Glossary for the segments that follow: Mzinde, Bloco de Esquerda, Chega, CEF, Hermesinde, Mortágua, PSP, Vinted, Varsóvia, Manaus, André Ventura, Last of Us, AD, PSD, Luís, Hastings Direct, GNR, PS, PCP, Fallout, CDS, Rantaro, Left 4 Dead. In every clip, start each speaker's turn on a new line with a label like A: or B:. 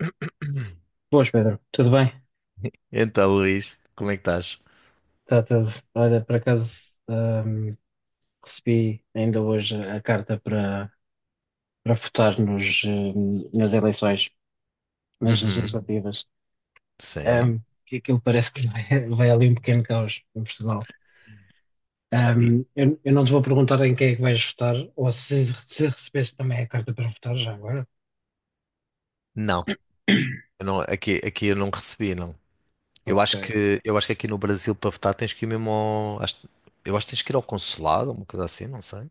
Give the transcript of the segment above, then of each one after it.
A: Boas, Pedro. Tudo bem?
B: Então, Luís, como é que estás?
A: Tá tudo. Olha, por acaso, ahm, recebi ainda hoje a carta para, para votar nos, nas eleições, nas
B: Uhum,
A: legislativas.
B: sim.
A: Ahm, que aquilo parece que vai, vai ali um pequeno caos em Portugal.
B: E-
A: Eu não te vou perguntar em quem é que vais votar, ou se recebeste também a carta para votar já agora.
B: não, eu não- aqui, eu não recebi, não.
A: Ok.
B: Eu acho que aqui no Brasil para votar tens que ir mesmo ao, eu acho que tens que ir ao consulado, uma coisa assim, não sei.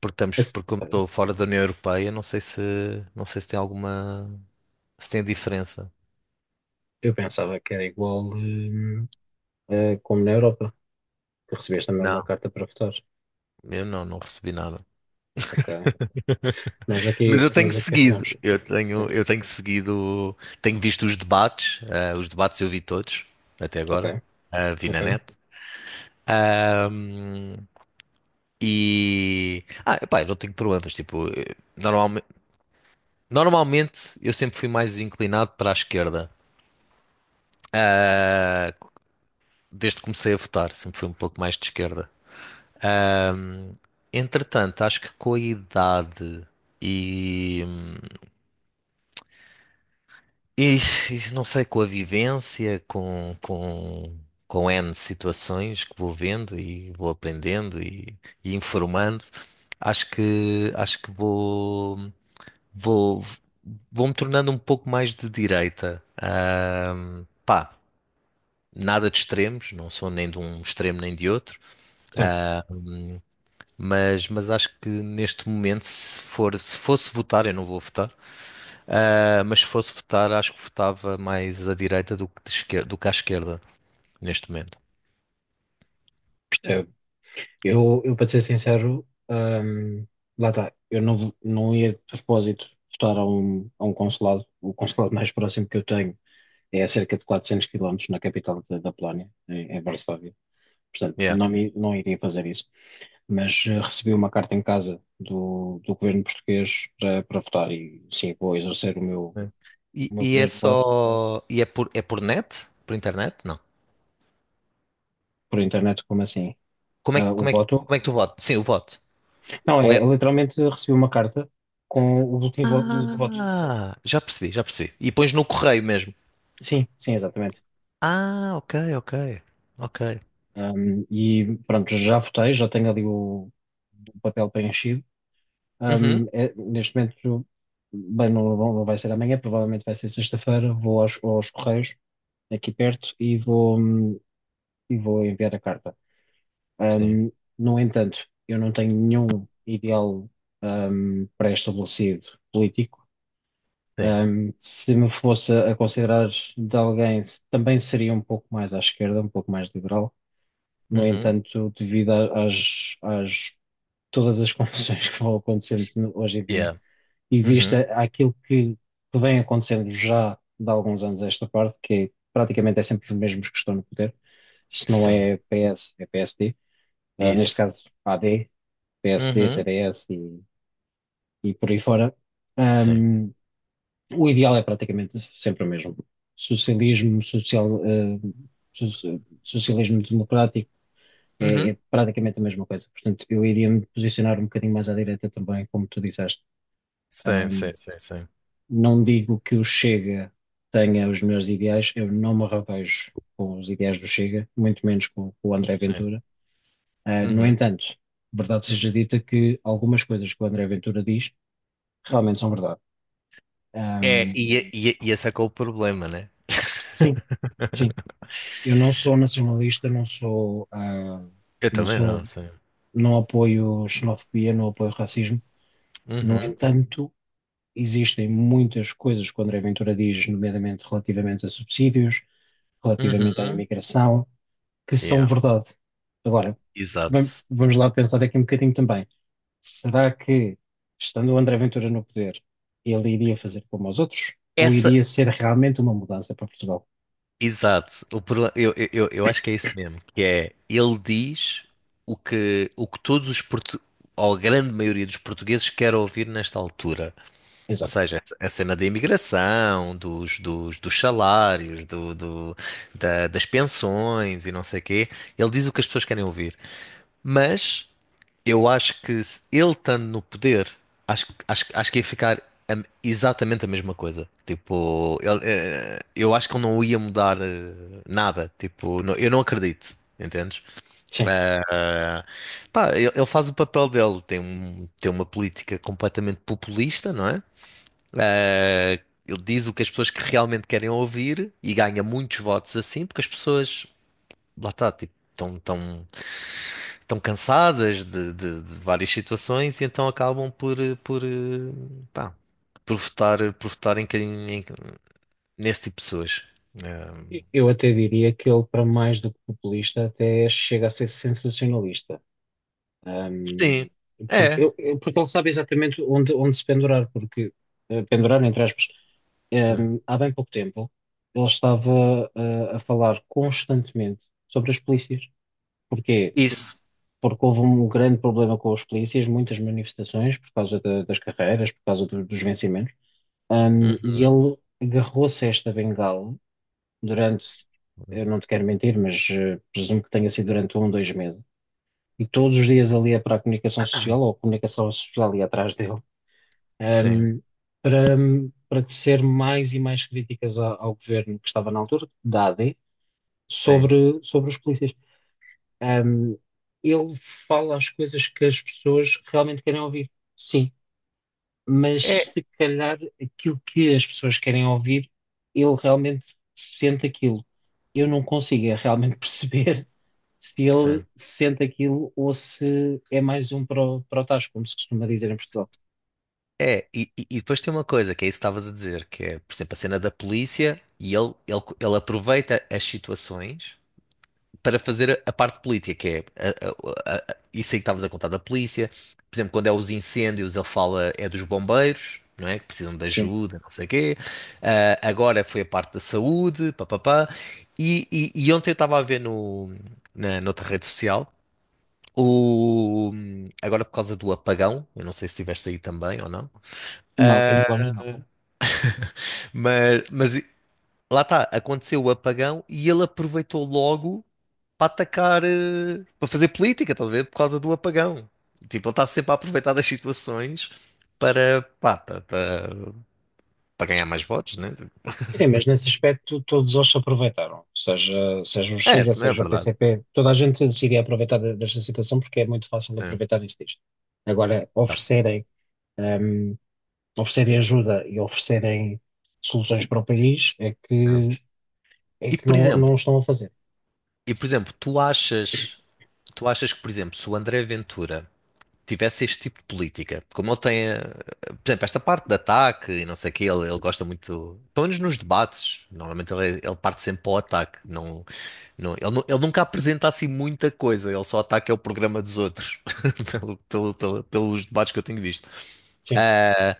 A: Esse-
B: Porque como
A: olha,
B: estou fora da União Europeia, não sei se tem alguma, se tem diferença.
A: eu pensava que era igual, como na Europa, que recebeste também uma
B: Não,
A: carta para votar.
B: eu não, não recebi nada.
A: Ok. Nós
B: Mas
A: aqui,
B: eu tenho
A: nós aqui
B: seguido,
A: recebemos. É,
B: eu tenho seguido, tenho visto os debates, os debates eu vi todos até
A: ok,
B: agora, vi
A: ok.
B: na net. Um, Ah, pá, eu não tenho problemas. Tipo, normalmente, normalmente eu sempre fui mais inclinado para a esquerda. Ah, desde que comecei a votar, sempre fui um pouco mais de esquerda. Entretanto, acho que com a idade e. E não sei, com a vivência, com N situações que vou vendo e vou aprendendo e informando, acho que vou. Vou, vou-me tornando um pouco mais de direita. Ah, pá, nada de extremos, não sou nem de um extremo nem de outro,
A: Certo,
B: mas acho que neste momento, se fosse votar, eu não vou votar, ah, mas se fosse votar, acho que votava mais à direita do que, do que à esquerda, neste momento.
A: percebo. Eu para te ser sincero, lá está, eu não, não ia de propósito votar a um consulado. O consulado mais próximo que eu tenho é a cerca de 400 quilómetros na capital da, da Polónia, em, em Varsóvia. Portanto,
B: Yeah.
A: não, não iria fazer isso. Mas recebi uma carta em casa do, do governo português para, para votar e sim, vou exercer
B: É.
A: o
B: E,
A: meu
B: e é
A: poder de voto
B: só. É por net? Por internet? Não.
A: por internet, como assim? Ah, o voto?
B: Como é que tu votas? Sim, o voto.
A: Não,
B: Ou
A: é,
B: é.
A: eu literalmente recebi uma carta com o boletim de voto.
B: Ah, já percebi, já percebi. E pões no correio mesmo.
A: Sim, sim, exatamente.
B: Ah, ok, ok, ok.
A: E pronto, já votei, já tenho ali o papel preenchido.
B: Uhum.
A: É- neste momento, bem, não, não não vai ser amanhã, provavelmente vai ser sexta-feira. Vou aos, aos Correios, aqui perto, e vou enviar a carta.
B: Sim,
A: Um, no entanto, eu não tenho nenhum ideal, pré-estabelecido político.
B: sim.
A: Se me fosse a considerar de alguém, se- também seria um pouco mais à esquerda, um pouco mais liberal. No
B: Uhum.
A: entanto, devido a- às, às todas as confusões que vão acontecendo no- hoje em dia,
B: Yeah.
A: e vista
B: Uhum.
A: aquilo que vem acontecendo já de alguns anos a esta parte, que é, praticamente é sempre os mesmos que estão no poder, se não
B: Sim,
A: é PS, é PSD, ah, neste
B: isso.
A: caso AD, PSD,
B: Uhum.
A: CDS e por aí fora.
B: Sim.
A: O ideal é praticamente sempre o mesmo. Socialismo, social, socialismo democrático é,
B: Uhum.
A: é praticamente a mesma coisa. Portanto, eu iria me posicionar um bocadinho mais à direita também, como tu disseste.
B: Sim,
A: Ahm,
B: sim, sim, sim.
A: não digo que o Chega tenha os meus ideais, eu não me revejo com os ideais do Chega, muito menos com o André
B: Sim.
A: Ventura. Ah, no
B: Uhum.
A: entanto, verdade seja dita que algumas coisas que o André Ventura diz realmente são verdade.
B: É,
A: Ahm,
B: e, é, e, é, e esse é que é o problema, né?
A: sim. Sim, eu não sou nacionalista, não sou,
B: Eu
A: não
B: também
A: sou,
B: não, sim.
A: não apoio xenofobia, não apoio racismo. No
B: Uhum.
A: entanto, existem muitas coisas que o André Ventura diz, nomeadamente relativamente a subsídios, relativamente à
B: Uhum.
A: imigração, que são
B: Yeah.
A: verdade. Agora,
B: Exato.
A: vamos lá pensar aqui um bocadinho também. Será que, estando o André Ventura no poder, ele iria fazer como os outros? Ou
B: Essa,
A: iria ser realmente uma mudança para Portugal?
B: exato. O problema, eu acho que é isso mesmo, que é, ele diz o que todos ou a grande maioria dos portugueses quer ouvir nesta altura. Ou
A: Exato.
B: seja, a cena da imigração, dos salários, das pensões e não sei o quê, ele diz o que as pessoas querem ouvir. Mas eu acho que se ele estando no poder, acho que ia ficar exatamente a mesma coisa. Tipo, ele, eu acho que ele não ia mudar nada. Tipo, eu não acredito, entendes?
A: Sim.
B: Eh, pá, ele faz o papel dele, tem uma política completamente populista, não é? Ah, ele diz o que as pessoas que realmente querem ouvir e ganha muitos votos assim, porque as pessoas, lá está, tipo, estão tão cansadas de, de várias situações e então acabam por, por, eh, pá, por votar em, nesse tipo de pessoas. Ah,
A: Eu até diria que ele, para mais do que populista, até chega a ser sensacionalista. Ahm,
B: sim,
A: porque,
B: é,
A: porque ele sabe exatamente onde, onde se pendurar, porque, pendurar, entre aspas,
B: sim.
A: Há bem pouco tempo ele estava, a falar constantemente sobre as polícias. Porquê?
B: Isso.
A: Porque houve um grande problema com as polícias, muitas manifestações por causa da- das carreiras, por causa do- dos vencimentos. E ele agarrou-se a esta bengala durante,
B: Uhum.
A: eu não te quero mentir, mas presumo que tenha sido durante 1, 2 meses. E todos os dias ali é para a comunicação social, ou a comunicação social ali atrás dele,
B: Sim,
A: ehm, para, para tecer mais e mais críticas ao, ao governo que estava na altura, da AD,
B: sim,
A: sobre, sobre os polícias. Ehm, ele fala as coisas que as pessoas realmente querem ouvir. Sim, mas
B: é,
A: se calhar aquilo que as pessoas querem ouvir, ele realmente sente aquilo. Eu não consigo é realmente perceber se ele
B: sim.
A: sente aquilo ou se é mais um para o, para o tacho, como se costuma dizer em Portugal.
B: É, e, e depois tem uma coisa que é isso que estavas a dizer, que é, por exemplo, a cena da polícia e ele aproveita as situações para fazer a parte política, que é isso aí que estavas a contar da polícia. Por exemplo, quando é os incêndios, ele fala é dos bombeiros, não é? Que precisam de
A: Sim,
B: ajuda, não sei o quê. Ah, agora foi a parte da saúde, papapá. E ontem eu estava a ver no, na, noutra rede social. O, agora por causa do apagão, eu não sei se estiveste aí também ou não,
A: não, aqui no plano não.
B: Mas, lá está, aconteceu o apagão e ele aproveitou logo para atacar, para fazer política, estás a ver? Por causa do apagão. Tipo, ele está sempre a aproveitar das situações para, pá, para ganhar mais votos, né? Tipo,
A: Sim, mas nesse aspecto todos eles se aproveitaram, seja, seja o
B: é,
A: Chega,
B: também é
A: seja o
B: verdade.
A: PCP, toda a gente se iria aproveitar de- desta situação porque é muito fácil
B: É.
A: aproveitar isso disto. Agora,
B: Não,
A: oferecerem hum, oferecerem ajuda e oferecerem soluções para o país,
B: não.
A: é
B: E
A: que
B: por
A: não, não
B: exemplo,
A: o estão a fazer.
B: e por exemplo, tu achas que, por exemplo, se o André Ventura tivesse este tipo de política. Como ele tem, por exemplo, esta parte de ataque e não sei o quê, ele gosta muito, pelo menos nos debates, normalmente ele parte sempre para o ataque, não, não, ele, ele nunca apresenta assim muita coisa, ele só ataca o programa dos outros, pelos debates que eu tenho visto.
A: Sim,
B: Ah,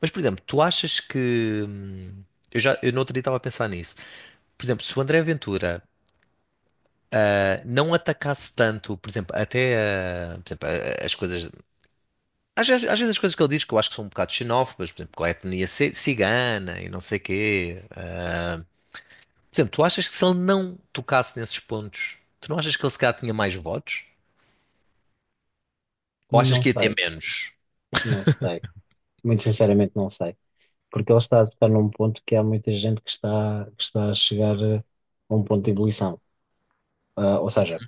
B: mas, por exemplo, tu achas que... Eu já, eu no outro dia estava a pensar nisso. Por exemplo, se o André Ventura ah, não atacasse tanto, por exemplo, até ah, por exemplo, ah, as coisas às vezes as coisas que ele diz que eu acho que são um bocado xenófobas, por exemplo, com a etnia cigana e não sei quê. Por exemplo, tu achas que se ele não tocasse nesses pontos, tu não achas que ele se calhar tinha mais votos? Ou achas
A: não
B: que ia ter
A: sei,
B: menos?
A: não sei. Muito sinceramente, não sei. Porque ele está a tocar num ponto que há muita gente que está a chegar a um ponto de ebulição. Ah, ou seja,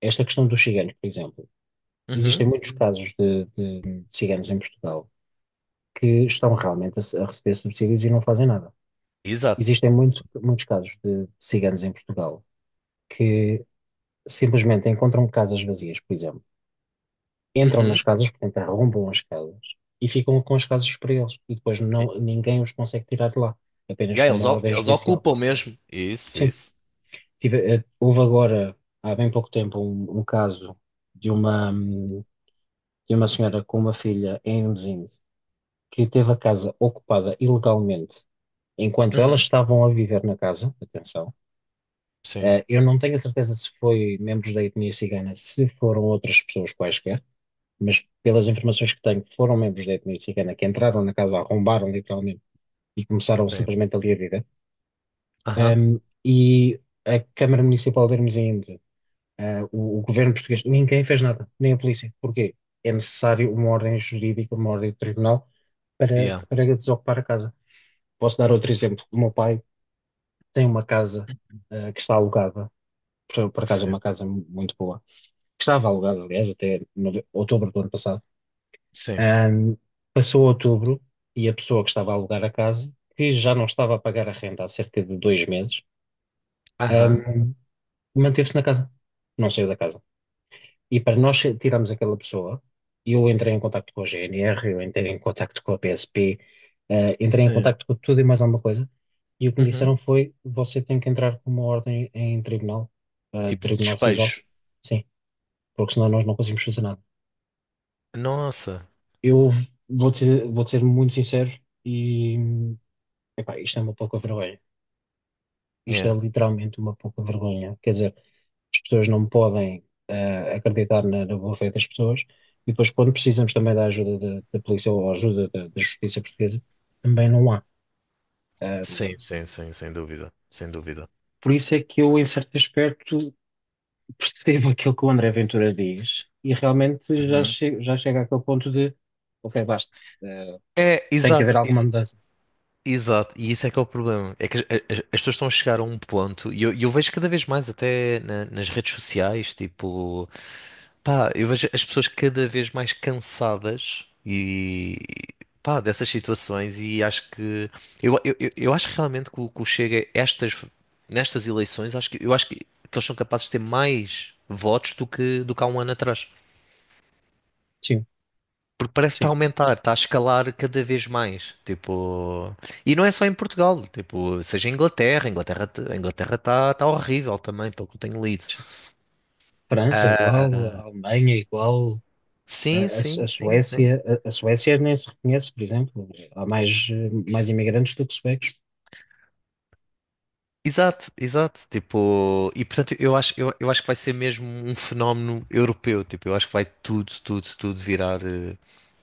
A: esta questão dos ciganos, por exemplo,
B: Uhum,
A: existem muitos casos de ciganos em Portugal que estão realmente a, a receber subsídios e não fazem nada.
B: exato.
A: Existem muito, muitos casos de ciganos em Portugal que simplesmente encontram casas vazias, por exemplo, entram
B: Uhum.
A: nas casas, portanto arrombam as casas e ficam com as casas para eles e depois
B: E,
A: não, ninguém os consegue tirar de lá,
B: e
A: apenas
B: aí,
A: com uma ordem
B: eles
A: judicial.
B: ocupam mesmo. Isso,
A: Sim,
B: isso.
A: houve agora, há bem pouco tempo, um caso de uma, hum, de uma senhora com uma filha em Mzinde que teve a casa ocupada ilegalmente enquanto elas
B: Uhum.
A: estavam a viver na casa, atenção.
B: Sim,
A: Eu não tenho a certeza se foi membros da etnia cigana, se foram outras pessoas quaisquer, mas pelas informações que tenho, foram membros da etnia cigana que entraram na casa, arrombaram literalmente e começaram
B: sim.
A: simplesmente ali a vida.
B: Aham.
A: E a Câmara Municipal de Hermesinde, ah, o governo português, ninguém fez nada, nem a polícia. Porquê? É necessário uma ordem jurídica, uma ordem de tribunal para,
B: Yeah.
A: para desocupar a casa. Posso dar outro exemplo. O meu pai tem uma casa, ah, que está alugada, por acaso é
B: Sim,
A: uma casa muito boa, que estava alugada, aliás, até no- outubro do ano passado.
B: sim.
A: Ahm, passou outubro e a pessoa que estava a alugar a casa, que já não estava a pagar a renda há cerca de 2 meses,
B: Aham.
A: ahm, manteve-se na casa, não saiu da casa. E para nós tirarmos aquela pessoa, eu entrei em contacto com a GNR, eu entrei em contacto com a PSP, entrei em
B: Sim.
A: contacto com tudo e mais alguma coisa, e o que me
B: Uhum.
A: disseram foi: você tem que entrar com uma ordem em tribunal, ah,
B: Tipo de
A: tribunal civil,
B: despejo.
A: sim, porque senão nós não conseguimos fazer nada.
B: Nossa.
A: Eu vou-te ser muito sincero e. Epá, isto é uma pouca vergonha. Isto é
B: Yeah.
A: literalmente uma pouca vergonha. Quer dizer, as pessoas não podem acreditar na, na boa fé das pessoas e depois, quando precisamos também da ajuda da, da polícia ou ajuda da, da justiça portuguesa, também não há.
B: Sim,
A: Ahm,
B: sim, sim, sem dúvida. Sem dúvida.
A: por isso é que eu, em certo aspecto, percebo aquilo que o André Ventura diz e realmente já,
B: Uhum.
A: che já chega àquele ponto de, ok, basta. Eh,
B: É,
A: tem que
B: exato,
A: haver alguma mudança.
B: exato, e isso é que é o problema. É que as pessoas estão a chegar a um ponto, e eu, vejo cada vez mais, até nas redes sociais, tipo, pá, eu vejo as pessoas cada vez mais cansadas e pá, dessas situações, e acho que eu acho realmente que o Chega, estas, nestas eleições, acho que eu acho que eles são capazes de ter mais votos do que há um ano atrás.
A: Sim,
B: Porque parece que está a
A: sim,
B: aumentar, está a escalar cada vez mais. Tipo, e não é só em Portugal, tipo, seja em Inglaterra, a Inglaterra está tá horrível também, pelo que eu tenho lido.
A: sim. França igual, Alemanha igual, a,
B: Sim, sim, sim, sim.
A: A Suécia nem se reconhece, por exemplo. Há mais, mais imigrantes do que suecos.
B: Exato, exato. Tipo, e portanto eu acho, eu acho que vai ser mesmo um fenómeno europeu. Tipo, eu acho que vai tudo, tudo, tudo virar.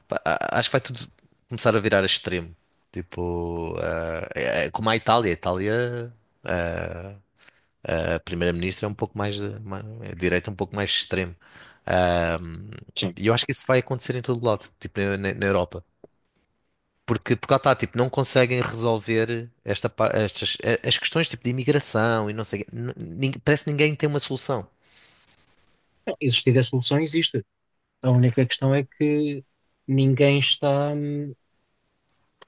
B: Pá, acho que vai tudo começar a virar a extremo. Tipo, é como a Itália. A Itália eh, a primeira-ministra é um pouco mais de, é de direita é um pouco mais extremo. Ah,
A: Sim.
B: e eu acho que isso vai acontecer em todo lado, tipo na Europa. Porque, porque lá está, tipo, não conseguem resolver esta, estas, as questões tipo de imigração e não sei, o quê. Parece que ninguém tem uma solução.
A: Não, existir a solução existe. A única questão é que ninguém está, ou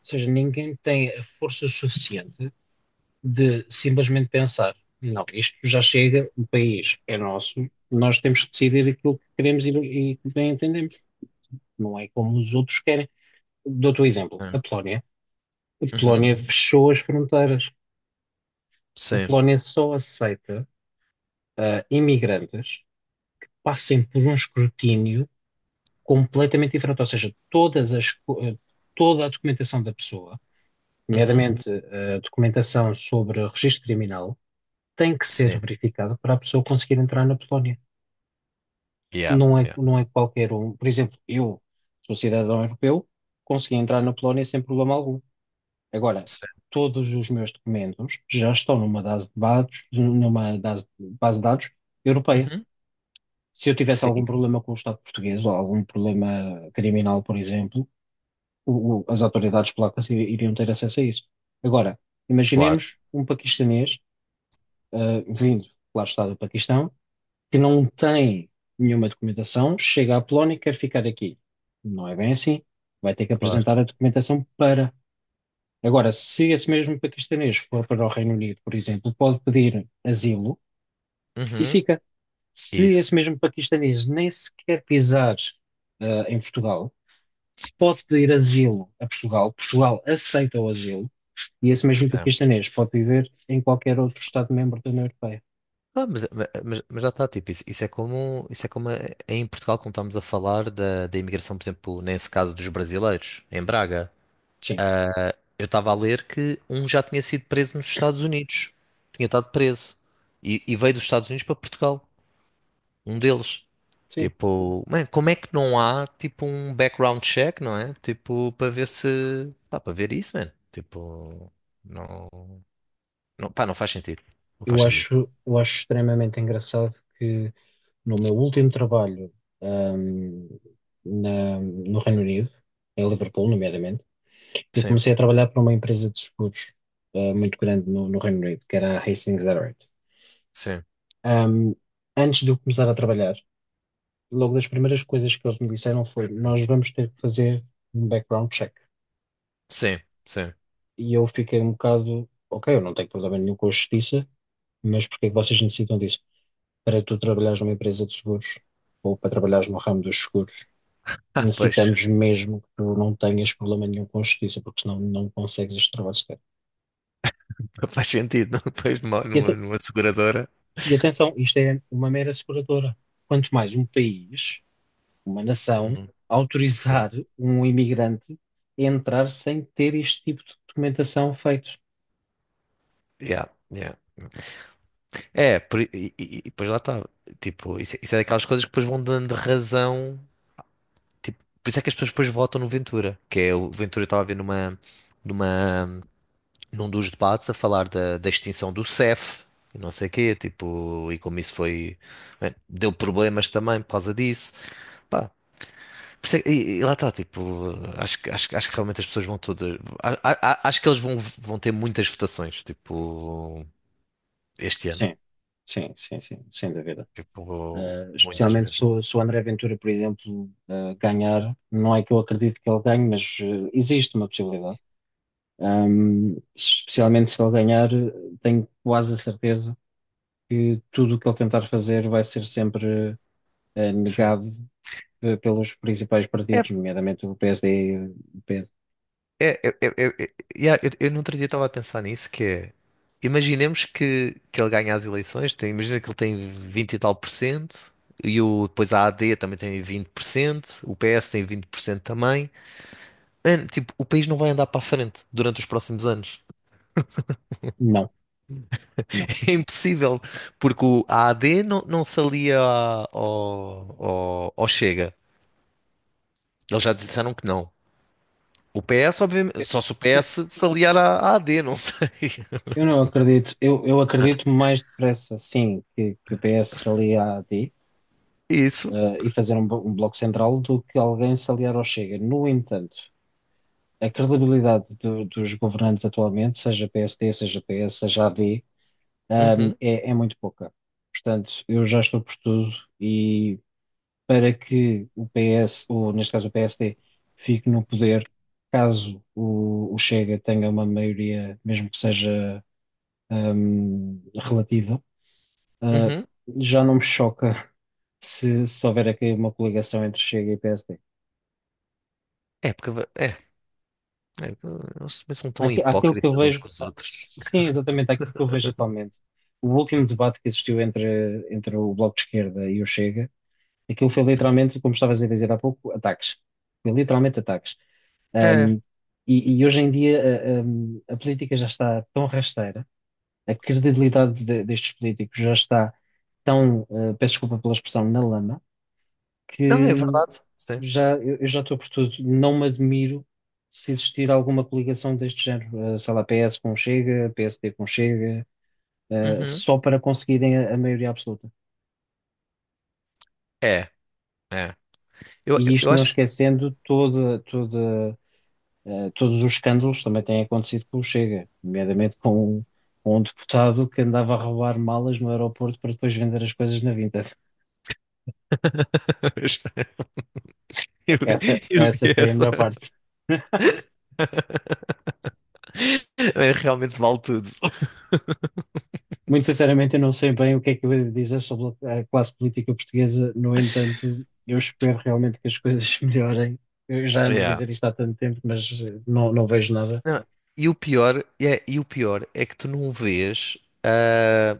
A: seja, ninguém tem a força suficiente de simplesmente pensar, não, isto já chega, o país é nosso, nós temos que decidir aquilo que queremos e que bem entendemos. Não é como os outros querem. Dou-te o exemplo, a
B: Hum.
A: Polónia. A
B: Uhum.
A: Polónia fechou as fronteiras. A
B: Sim.
A: Polónia só aceita imigrantes passem por um escrutínio completamente diferente, ou seja, todas as, toda a documentação da pessoa,
B: Uhum.
A: nomeadamente a documentação sobre registro criminal, tem que ser
B: Sim.
A: verificada para a pessoa conseguir entrar na Polónia.
B: Yeah.
A: Não é,
B: Yeah.
A: não é qualquer um. Por exemplo, eu sou cidadão europeu, consegui entrar na Polónia sem problema algum. Agora,
B: Sim.
A: todos os meus documentos já estão numa base de dados, numa base de dados europeia.
B: Uhum.
A: Se eu tivesse algum
B: Sim.
A: problema com o Estado português ou algum problema criminal, por exemplo, as autoridades polacas iriam ter acesso a isso. Agora,
B: Claro.
A: imaginemos um paquistanês, vindo, lá está do Paquistão, que não tem nenhuma documentação, chega à Polónia e quer ficar aqui. Não é bem assim. Vai ter que
B: Claro.
A: apresentar a documentação para. Agora, se esse mesmo paquistanês for para o Reino Unido, por exemplo, pode pedir asilo e
B: Uhum.
A: fica. Se esse
B: Isso.
A: mesmo paquistanês nem sequer pisar, em Portugal, pode pedir asilo a Portugal, Portugal aceita o asilo, e esse mesmo
B: É.
A: paquistanês pode viver em qualquer outro Estado-membro da União Europeia.
B: Ah, mas, mas já está, tipo, isso, isso é como é em Portugal, como estamos a falar da, da imigração, por exemplo, nesse caso dos brasileiros, em Braga.
A: Sim,
B: Eu estava a ler que um já tinha sido preso nos Estados Unidos. Tinha estado preso. E veio dos Estados Unidos para Portugal. Um deles.
A: sim.
B: Tipo, man, como é que não há, tipo, um background check, não é? Tipo, para ver se... Pá, para ver isso, man. Tipo, não... não pá, não faz sentido. Não faz sentido.
A: Eu acho extremamente engraçado que no meu último trabalho, ahm, na- no Reino Unido, em Liverpool, nomeadamente, eu
B: Sim,
A: comecei a trabalhar para uma empresa de seguros, muito grande no, no Reino Unido, que era a Hastings Direct.
B: sim,
A: Ahm, antes de eu começar a trabalhar, logo das primeiras coisas que eles me disseram foi: Nós vamos ter que fazer um background check.
B: sim, sim.
A: E eu fiquei um bocado, ok, eu não tenho problema nenhum com a justiça, mas porque é que vocês necessitam disso? Para tu trabalhares numa empresa de seguros ou para trabalhares no ramo dos seguros,
B: Ah, pois.
A: necessitamos mesmo que tu não tenhas problema nenhum com a justiça, porque senão não consegues este trabalho sequer.
B: Faz sentido, não? Depois numa,
A: E,
B: numa seguradora.
A: e atenção, isto é uma mera seguradora. Quanto mais um país, uma nação
B: Uhum, sim.
A: autorizar um imigrante a entrar sem ter este tipo de documentação feito.
B: Yeah, yeah. É, por e depois lá está. Tipo, isso é daquelas coisas que depois vão dando razão. Tipo, por isso é que as pessoas depois votam no Ventura. Que é, o Ventura estava a ver numa, numa, num dos debates a falar da, da extinção do CEF e não sei o quê. Tipo, e como isso foi. Bem, deu problemas também por causa disso. Por isso é que- E, lá está, tipo, acho que realmente as pessoas vão todas. Acho que eles vão, ter muitas votações, tipo, este ano.
A: Sim, sim, sim, sim, sem dúvida.
B: Tipo, muitas
A: Especialmente se
B: mesmo.
A: o se o André Ventura, por exemplo, ganhar, não é que eu acredito que ele ganhe, mas existe uma possibilidade. Especialmente se ele ganhar, tenho quase a certeza que tudo o que ele tentar fazer vai ser sempre
B: Sim.
A: negado pelos principais
B: É,
A: partidos, nomeadamente o PSD e o PS.
B: yeah, eu no outro dia estava a pensar nisso, que é. Imaginemos que ele ganha as eleições, imagina que ele tem 20 e tal por cento, e o, depois a AD também tem 20%, o PS tem 20% também. Mano, tipo, o país não vai andar para a frente durante os próximos anos.
A: Não, não.
B: É impossível, porque o A AD não, não se alia ao, ao Chega. Eles já disseram que não. O PS, obviamente,
A: Eu
B: só se o PS se aliar à AD, não sei.
A: eu não acredito, eu acredito mais depressa, sim, que o PS se alie à AD,
B: Isso.
A: e fazer um, um bloco central, do que alguém se aliar ao Chega. No entanto, a credibilidade dos governantes atualmente, seja PSD, seja PS, seja AD,
B: Uhum,
A: é, é muito pouca. Portanto, eu já estou por tudo e para que o PS, ou neste caso o PSD, fique no poder, caso o Chega tenha uma maioria, mesmo que seja relativa. Ah,
B: uhum.
A: Já não me choca se, se houver aqui uma coligação entre Chega e PSD.
B: É, porque é, é, eles também são tão
A: Aquilo que eu
B: hipócritas uns
A: vejo,
B: com os outros.
A: sim, exatamente aquilo que eu vejo atualmente. O último debate que existiu entre, entre o Bloco de Esquerda e o Chega, aquilo foi literalmente, como estavas a dizer há pouco, ataques. Foi literalmente ataques.
B: É,
A: Hum, e, e hoje em dia a política já está tão rasteira, a credibilidade destes políticos já está tão, peço desculpa pela expressão, na lama,
B: não, é
A: que
B: verdade. Sim.
A: já, eu já estou por tudo. Não me admiro se existir alguma coligação deste género. Sei lá, PS com o Chega, PSD com o Chega,
B: Uhum.
A: só para conseguirem a maioria absoluta.
B: É, é.
A: E
B: Eu
A: isto não
B: acho que.
A: esquecendo toda, todos os escândalos que também têm acontecido com o Chega, nomeadamente com um deputado que andava a roubar malas no aeroporto para depois vender as coisas na Vinted.
B: Eu,
A: Essa,
B: eu vi
A: essa foi a
B: essa.
A: melhor parte.
B: Realmente vale tudo.
A: Muito sinceramente, eu não sei bem o que é que eu ia dizer sobre a classe política portuguesa. No entanto, eu espero realmente que as coisas melhorem. Eu já ando a
B: Yeah.
A: dizer isto há tanto tempo, mas não, não vejo nada.
B: Não, e o pior é que tu não vês ah,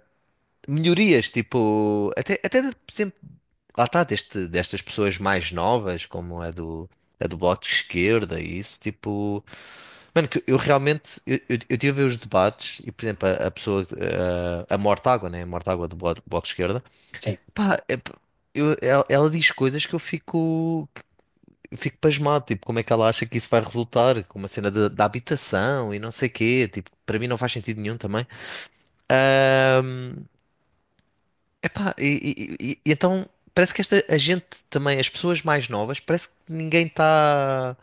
B: melhorias, tipo, até por exemplo, lá está, destas pessoas mais novas, como a do Bloco de Esquerda e isso, tipo, mano, que eu realmente, eu tive a ver os debates e, por exemplo, a pessoa, ah, a Mortágua, né, a Mortágua do Bloco, Bloco de Esquerda,
A: Sim,
B: pá, ela diz coisas que eu fico pasmado, tipo, como é que ela acha que isso vai resultar com uma cena da habitação e não sei quê, tipo, para mim não faz sentido nenhum também. Ahm, epá, e, e então parece que a gente também, as pessoas mais novas, parece que ninguém está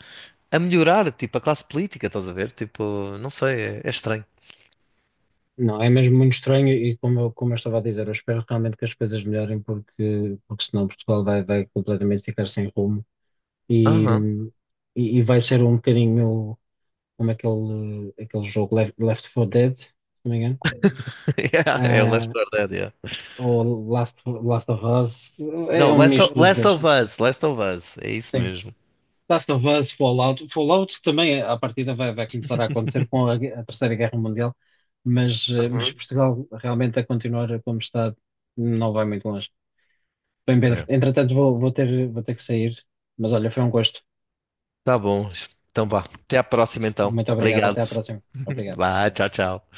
B: a melhorar, tipo, a classe política, estás a ver? Tipo, não sei, é, é estranho.
A: não, é mesmo muito estranho e, como eu estava a dizer, eu espero realmente que as coisas melhorem, porque, porque senão Portugal vai, vai completamente ficar sem rumo e,
B: Aham.
A: e vai ser um bocadinho como aquele, aquele jogo Left, Left 4 Dead, se não me engano.
B: Yeah, é o Left
A: Ah,
B: 4 Dead, yeah.
A: ou Last, Last of Us, é
B: Não,
A: um misto dos dois.
B: Last of Us, é isso
A: Sim.
B: mesmo.
A: Last of Us, Fallout. Fallout também, à partida, vai, vai começar a acontecer com a, a Terceira Guerra Mundial, mas, mas
B: Uhum.
A: Portugal realmente a continuar como está não vai muito longe. Bem, Pedro,
B: Yeah.
A: entretanto vou, vou ter que sair, mas olha, foi um gosto.
B: Tá bom, então vá, até à próxima então.
A: Muito obrigado,
B: Obrigado.
A: até à próxima. Obrigado.
B: Vai, tchau, tchau.